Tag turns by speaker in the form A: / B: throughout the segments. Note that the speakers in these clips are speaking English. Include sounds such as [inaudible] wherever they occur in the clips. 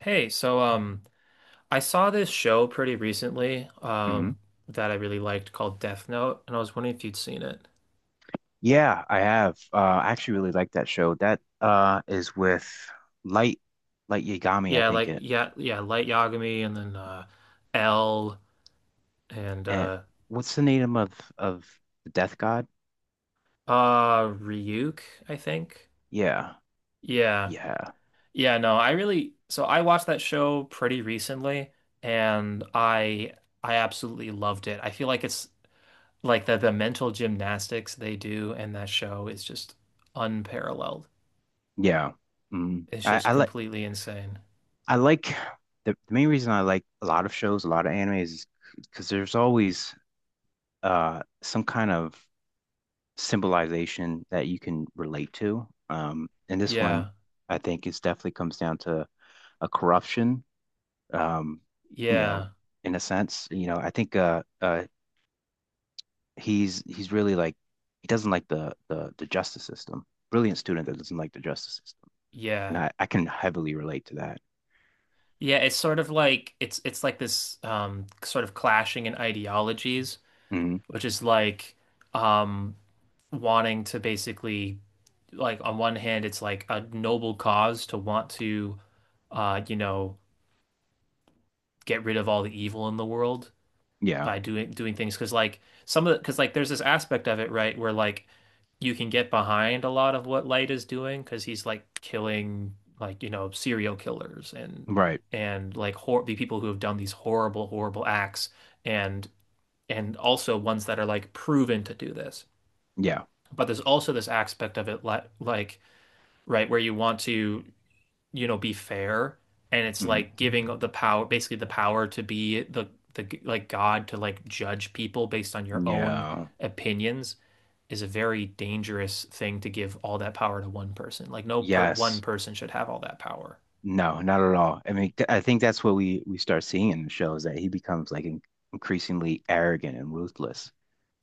A: Hey, I saw this show pretty recently,
B: Hmm.
A: that I really liked called Death Note, and I was wondering if you'd seen it.
B: Yeah, I have. I actually really like that show. That is with Light Light Yagami, I
A: Yeah,
B: think
A: like
B: it.
A: yeah, yeah, Light Yagami, and then L, and
B: And
A: uh,
B: what's the name of the Death God?
A: uh Ryuk, I think.
B: Yeah,
A: Yeah,
B: yeah,
A: yeah, no, I really so I watched that show pretty recently, and I absolutely loved it. I feel like it's like the mental gymnastics they do in that show is just unparalleled.
B: yeah. Mm.
A: It's
B: I
A: just
B: I like
A: completely insane.
B: I like the main reason I like a lot of shows, a lot of anime is because there's always some kind of symbolization that you can relate to. And this one,
A: Yeah.
B: I think, is definitely comes down to a corruption. um, you know,
A: Yeah.
B: in a sense, you know, I think he's really like he doesn't like the justice system. Brilliant student that doesn't like the justice system, and
A: Yeah.
B: I can heavily relate to that.
A: Yeah, it's sort of like it's like this, sort of clashing in ideologies,
B: Hmm.
A: which is like, um wanting to basically, like, on one hand it's like a noble cause to want to, you know, get rid of all the evil in the world
B: Yeah.
A: by doing things because like, some of the, because like, there's this aspect of it, right, where like you can get behind a lot of what Light is doing because he's like killing, like, you know, serial killers and
B: Right.
A: and like hor the people who have done these horrible acts, and and also ones that are like proven to do this.
B: Yeah.
A: But there's also this aspect of it, like, right, where you want to, you know, be fair. And it's
B: Hmm.
A: like giving the power, basically the power to be the, the, like, God, to like judge people based on your own
B: Yeah.
A: opinions is a very dangerous thing to give all that power to one person. Like no per one
B: Yes.
A: person should have all that power.
B: No, not at all. I mean, th I think that's what we start seeing in the show is that he becomes like in increasingly arrogant and ruthless.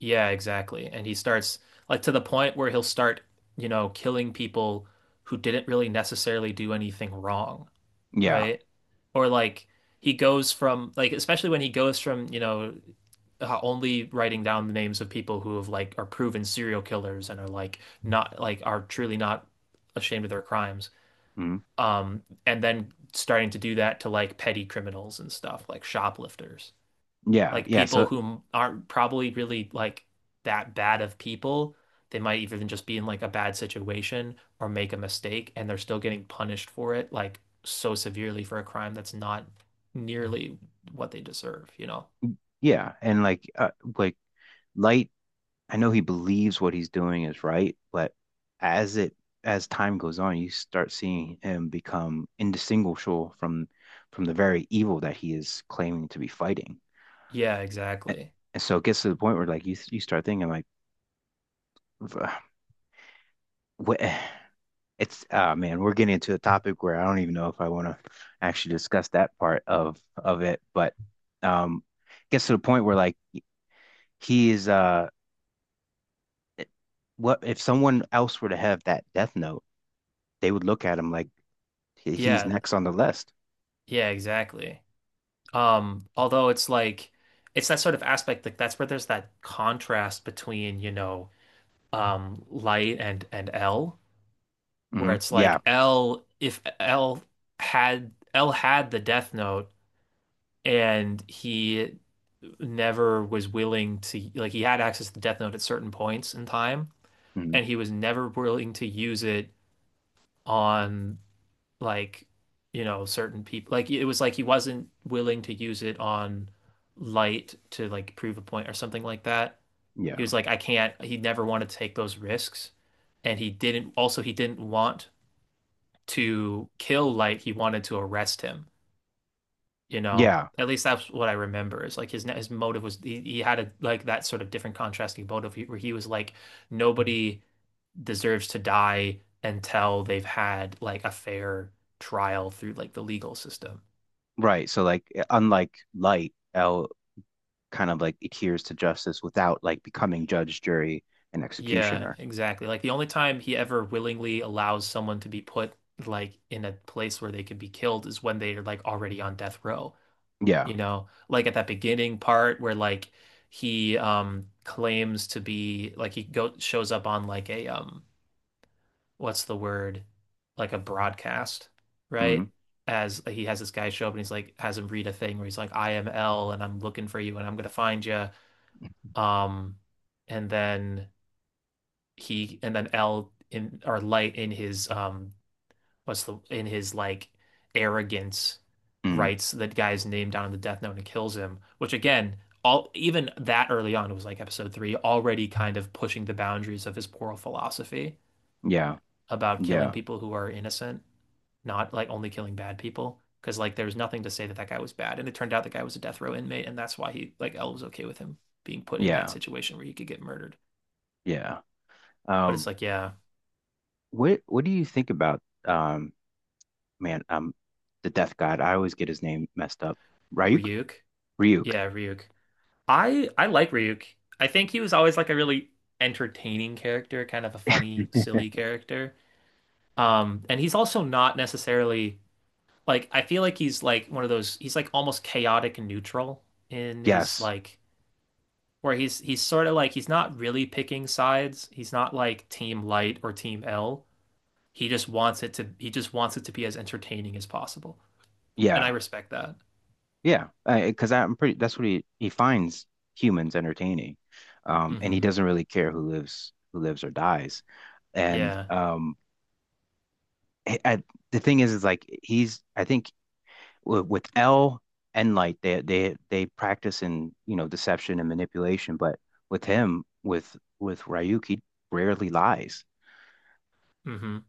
A: Yeah, exactly. And he starts, like, to the point where he'll start, you know, killing people who didn't really necessarily do anything wrong,
B: Yeah.
A: right? Or like, he goes from like, especially when he goes from, you know, only writing down the names of people who have like are proven serial killers and are like not like are truly not ashamed of their crimes.
B: Hmm.
A: And then starting to do that to like petty criminals and stuff, like shoplifters,
B: Yeah.
A: like
B: Yeah.
A: people
B: So
A: who aren't probably really like that bad of people. They might even just be in like a bad situation or make a mistake and they're still getting punished for it, like so severely for a crime that's not nearly what they deserve, you know?
B: yeah, and like. Light, I know he believes what he's doing is right, but as it as time goes on, you start seeing him become indistinguishable from the very evil that he is claiming to be fighting.
A: Yeah,
B: And,
A: exactly.
B: and so it gets to the point where like you start thinking like what. [sighs] It's man, we're getting into a topic where I don't even know if I want to actually discuss that part of it, but um it gets to the point where like he is what if someone else were to have that death note, they would look at him like he's
A: Yeah.
B: next on the list.
A: Yeah, exactly. Although it's like, it's that sort of aspect, like that's where there's that contrast between, you know, light and L, where
B: Mhm.
A: it's
B: Yeah.
A: like, L, if L had L had the Death Note and he never was willing to, like, he had access to the Death Note at certain points in time
B: Mhm.
A: and he was never willing to use it on, like, you know, certain people, like it was like he wasn't willing to use it on light to like prove a point or something like that. He
B: Yeah.
A: was like, I can't, he never wanted to take those risks, and he didn't also he didn't want to kill light, he wanted to arrest him, you know,
B: Yeah.
A: at least that's what I remember is like his motive was, he had a, like that sort of different contrasting motive where he was like, nobody deserves to die until they've had like a fair trial through like the legal system.
B: Right. So like unlike Light, L kind of like adheres to justice without like becoming judge, jury, and
A: Yeah,
B: executioner.
A: exactly. Like the only time he ever willingly allows someone to be put like in a place where they could be killed is when they're like already on death row.
B: Yeah.
A: You know, like at that beginning part where like, he claims to be like, he go shows up on like a, what's the word? Like a broadcast, right?
B: Mhm.
A: As he has this guy show up and he's like has him read a thing where he's like, I am L and I'm looking for you and I'm gonna find you. Um and then he, and then L in or light in his, what's the, in his like arrogance,
B: Mhm.
A: writes that guy's name down in the death note and kills him, which again, all even that early on, it was like episode three, already kind of pushing the boundaries of his moral philosophy
B: Yeah.
A: about killing
B: Yeah.
A: people who are innocent, not like only killing bad people. Because like there was nothing to say that that guy was bad, and it turned out the guy was a death row inmate, and that's why he, like, L was okay with him being put in that
B: Yeah.
A: situation where he could get murdered.
B: Yeah.
A: But it's
B: Um
A: like, yeah,
B: what do you think about man the death god? I always get his name messed up. Ryuk?
A: Ryuk,
B: Ryuk.
A: yeah, Ryuk. I like Ryuk. I think he was always like a really entertaining character, kind of a funny, silly character. And he's also not necessarily, like, I feel like he's like one of those, he's like almost chaotic and neutral in his
B: Yes.
A: like, where he's sort of like, he's not really picking sides. He's not like Team Light or Team L. He just wants it to be as entertaining as possible. And I
B: Yeah.
A: respect that.
B: Yeah, because I'm pretty. That's what he finds humans entertaining, and he
A: Hmm.
B: doesn't really care who lives or dies. And
A: Yeah.
B: I, I- the thing is like he's. I think with L and Light, they practice in you know deception and manipulation, but with him, with with Ryuk, he rarely lies.
A: Mm-hmm.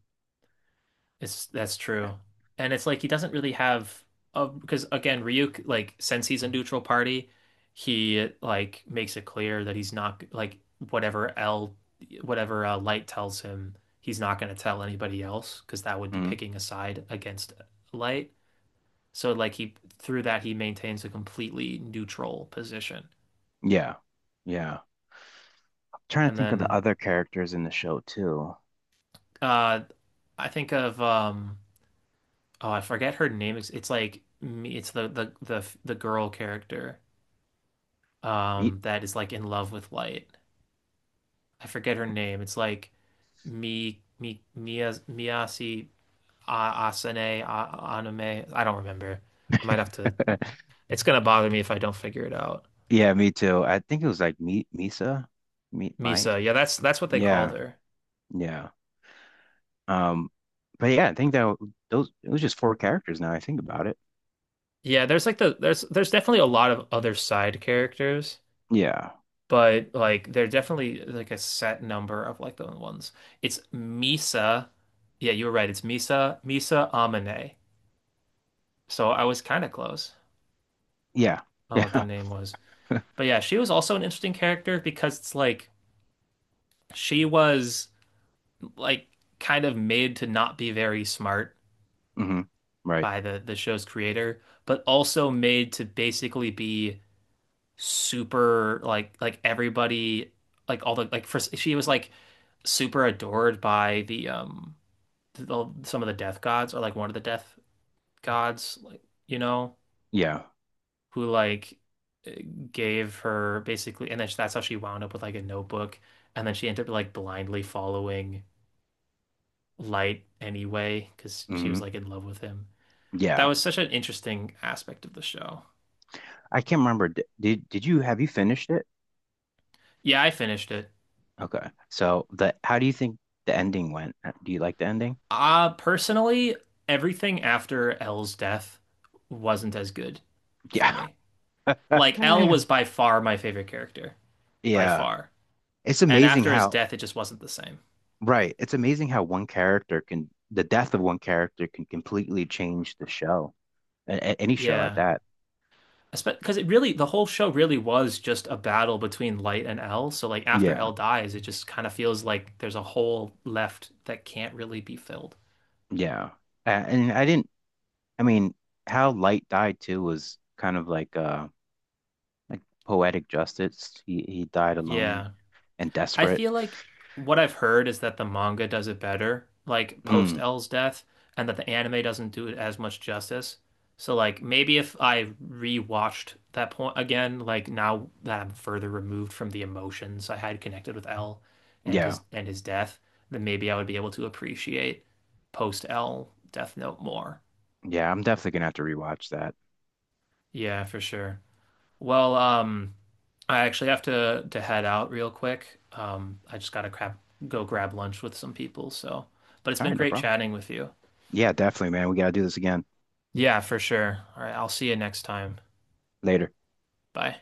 A: It's, that's true. And it's like he doesn't really have a, because again, Ryuk, like since he's a neutral party, he like makes it clear that he's not like, whatever L, whatever, Light tells him, he's not going to tell anybody else because that would be
B: Mhm.
A: picking a side against Light. So like he, through that, he maintains a completely neutral position.
B: Yeah, yeah. I'm trying to
A: And
B: think of the
A: then,
B: other characters in the show too.
A: uh I think of, oh, I forget her name. It's like me it's the girl character,
B: Ye-.
A: that is like in love with light. I forget her name. It's like Mi Mi Mia Miyasi Asane A- Aname. I don't remember. I might have to.
B: [laughs]
A: It's gonna bother me if I don't figure it out.
B: Yeah, me too. I think it was like meat Misa, meat might.
A: Misa. Yeah, that's what they called
B: Yeah,
A: her.
B: yeah. Um, but yeah, I think that those it was just four characters now I think about it.
A: Yeah, there's like the, there's definitely a lot of other side characters,
B: Yeah,
A: but like they're definitely like a set number of like the ones. It's Misa. Yeah, you were right. It's Misa Misa Amane. So I was kind of close
B: yeah,
A: on what the
B: yeah.
A: name was. But yeah, she was also an interesting character because it's like she was, like, kind of made to not be very smart
B: [laughs] Hmm. Right.
A: by the show's creator, but also made to basically be super like everybody, like all the like for she was like super adored by the, the, some of the death gods, or like one of the death gods, like, you know,
B: Yeah.
A: who like, eh, gave her basically, and then that's how she wound up with like a notebook, and then she ended up like blindly following Light anyway because she was
B: Hmm.
A: like in love with him. That
B: Yeah.
A: was such an interesting aspect of the show.
B: I can't remember. Did you have you finished it?
A: Yeah, I finished it.
B: Okay. So the how do you think the ending went? Do you like the ending?
A: Personally, everything after Elle's death wasn't as good for
B: Yeah.
A: me. Like Elle
B: [laughs]
A: was by far my favorite character, by
B: Yeah.
A: far.
B: It's
A: And
B: amazing
A: after his
B: how.
A: death, it just wasn't the same.
B: Right. It's amazing how one character can, the death of one character can completely change the show, any show at
A: Yeah.
B: that.
A: Because it really, the whole show really was just a battle between Light and L. So like after L
B: Yeah.
A: dies, it just kind of feels like there's a hole left that can't really be filled.
B: Yeah. And I didn't, I mean, how Light died too was kind of like poetic justice. He died alone
A: Yeah.
B: and
A: I
B: desperate.
A: feel like what I've heard is that the manga does it better, like post
B: Mm,
A: L's death, and that the anime doesn't do it as much justice. So like maybe if I rewatched that point again, like now that I'm further removed from the emotions I had connected with L and
B: yeah.
A: his death, then maybe I would be able to appreciate post L Death Note more.
B: Yeah, I'm definitely gonna have to rewatch that.
A: Yeah, for sure. Well, I actually have to head out real quick. I just gotta crap go grab lunch with some people, so. But it's
B: All
A: been
B: right, no
A: great
B: problem.
A: chatting with you.
B: Yeah, definitely, man. We gotta do this again
A: Yeah, for sure. All right, I'll see you next time.
B: later.
A: Bye.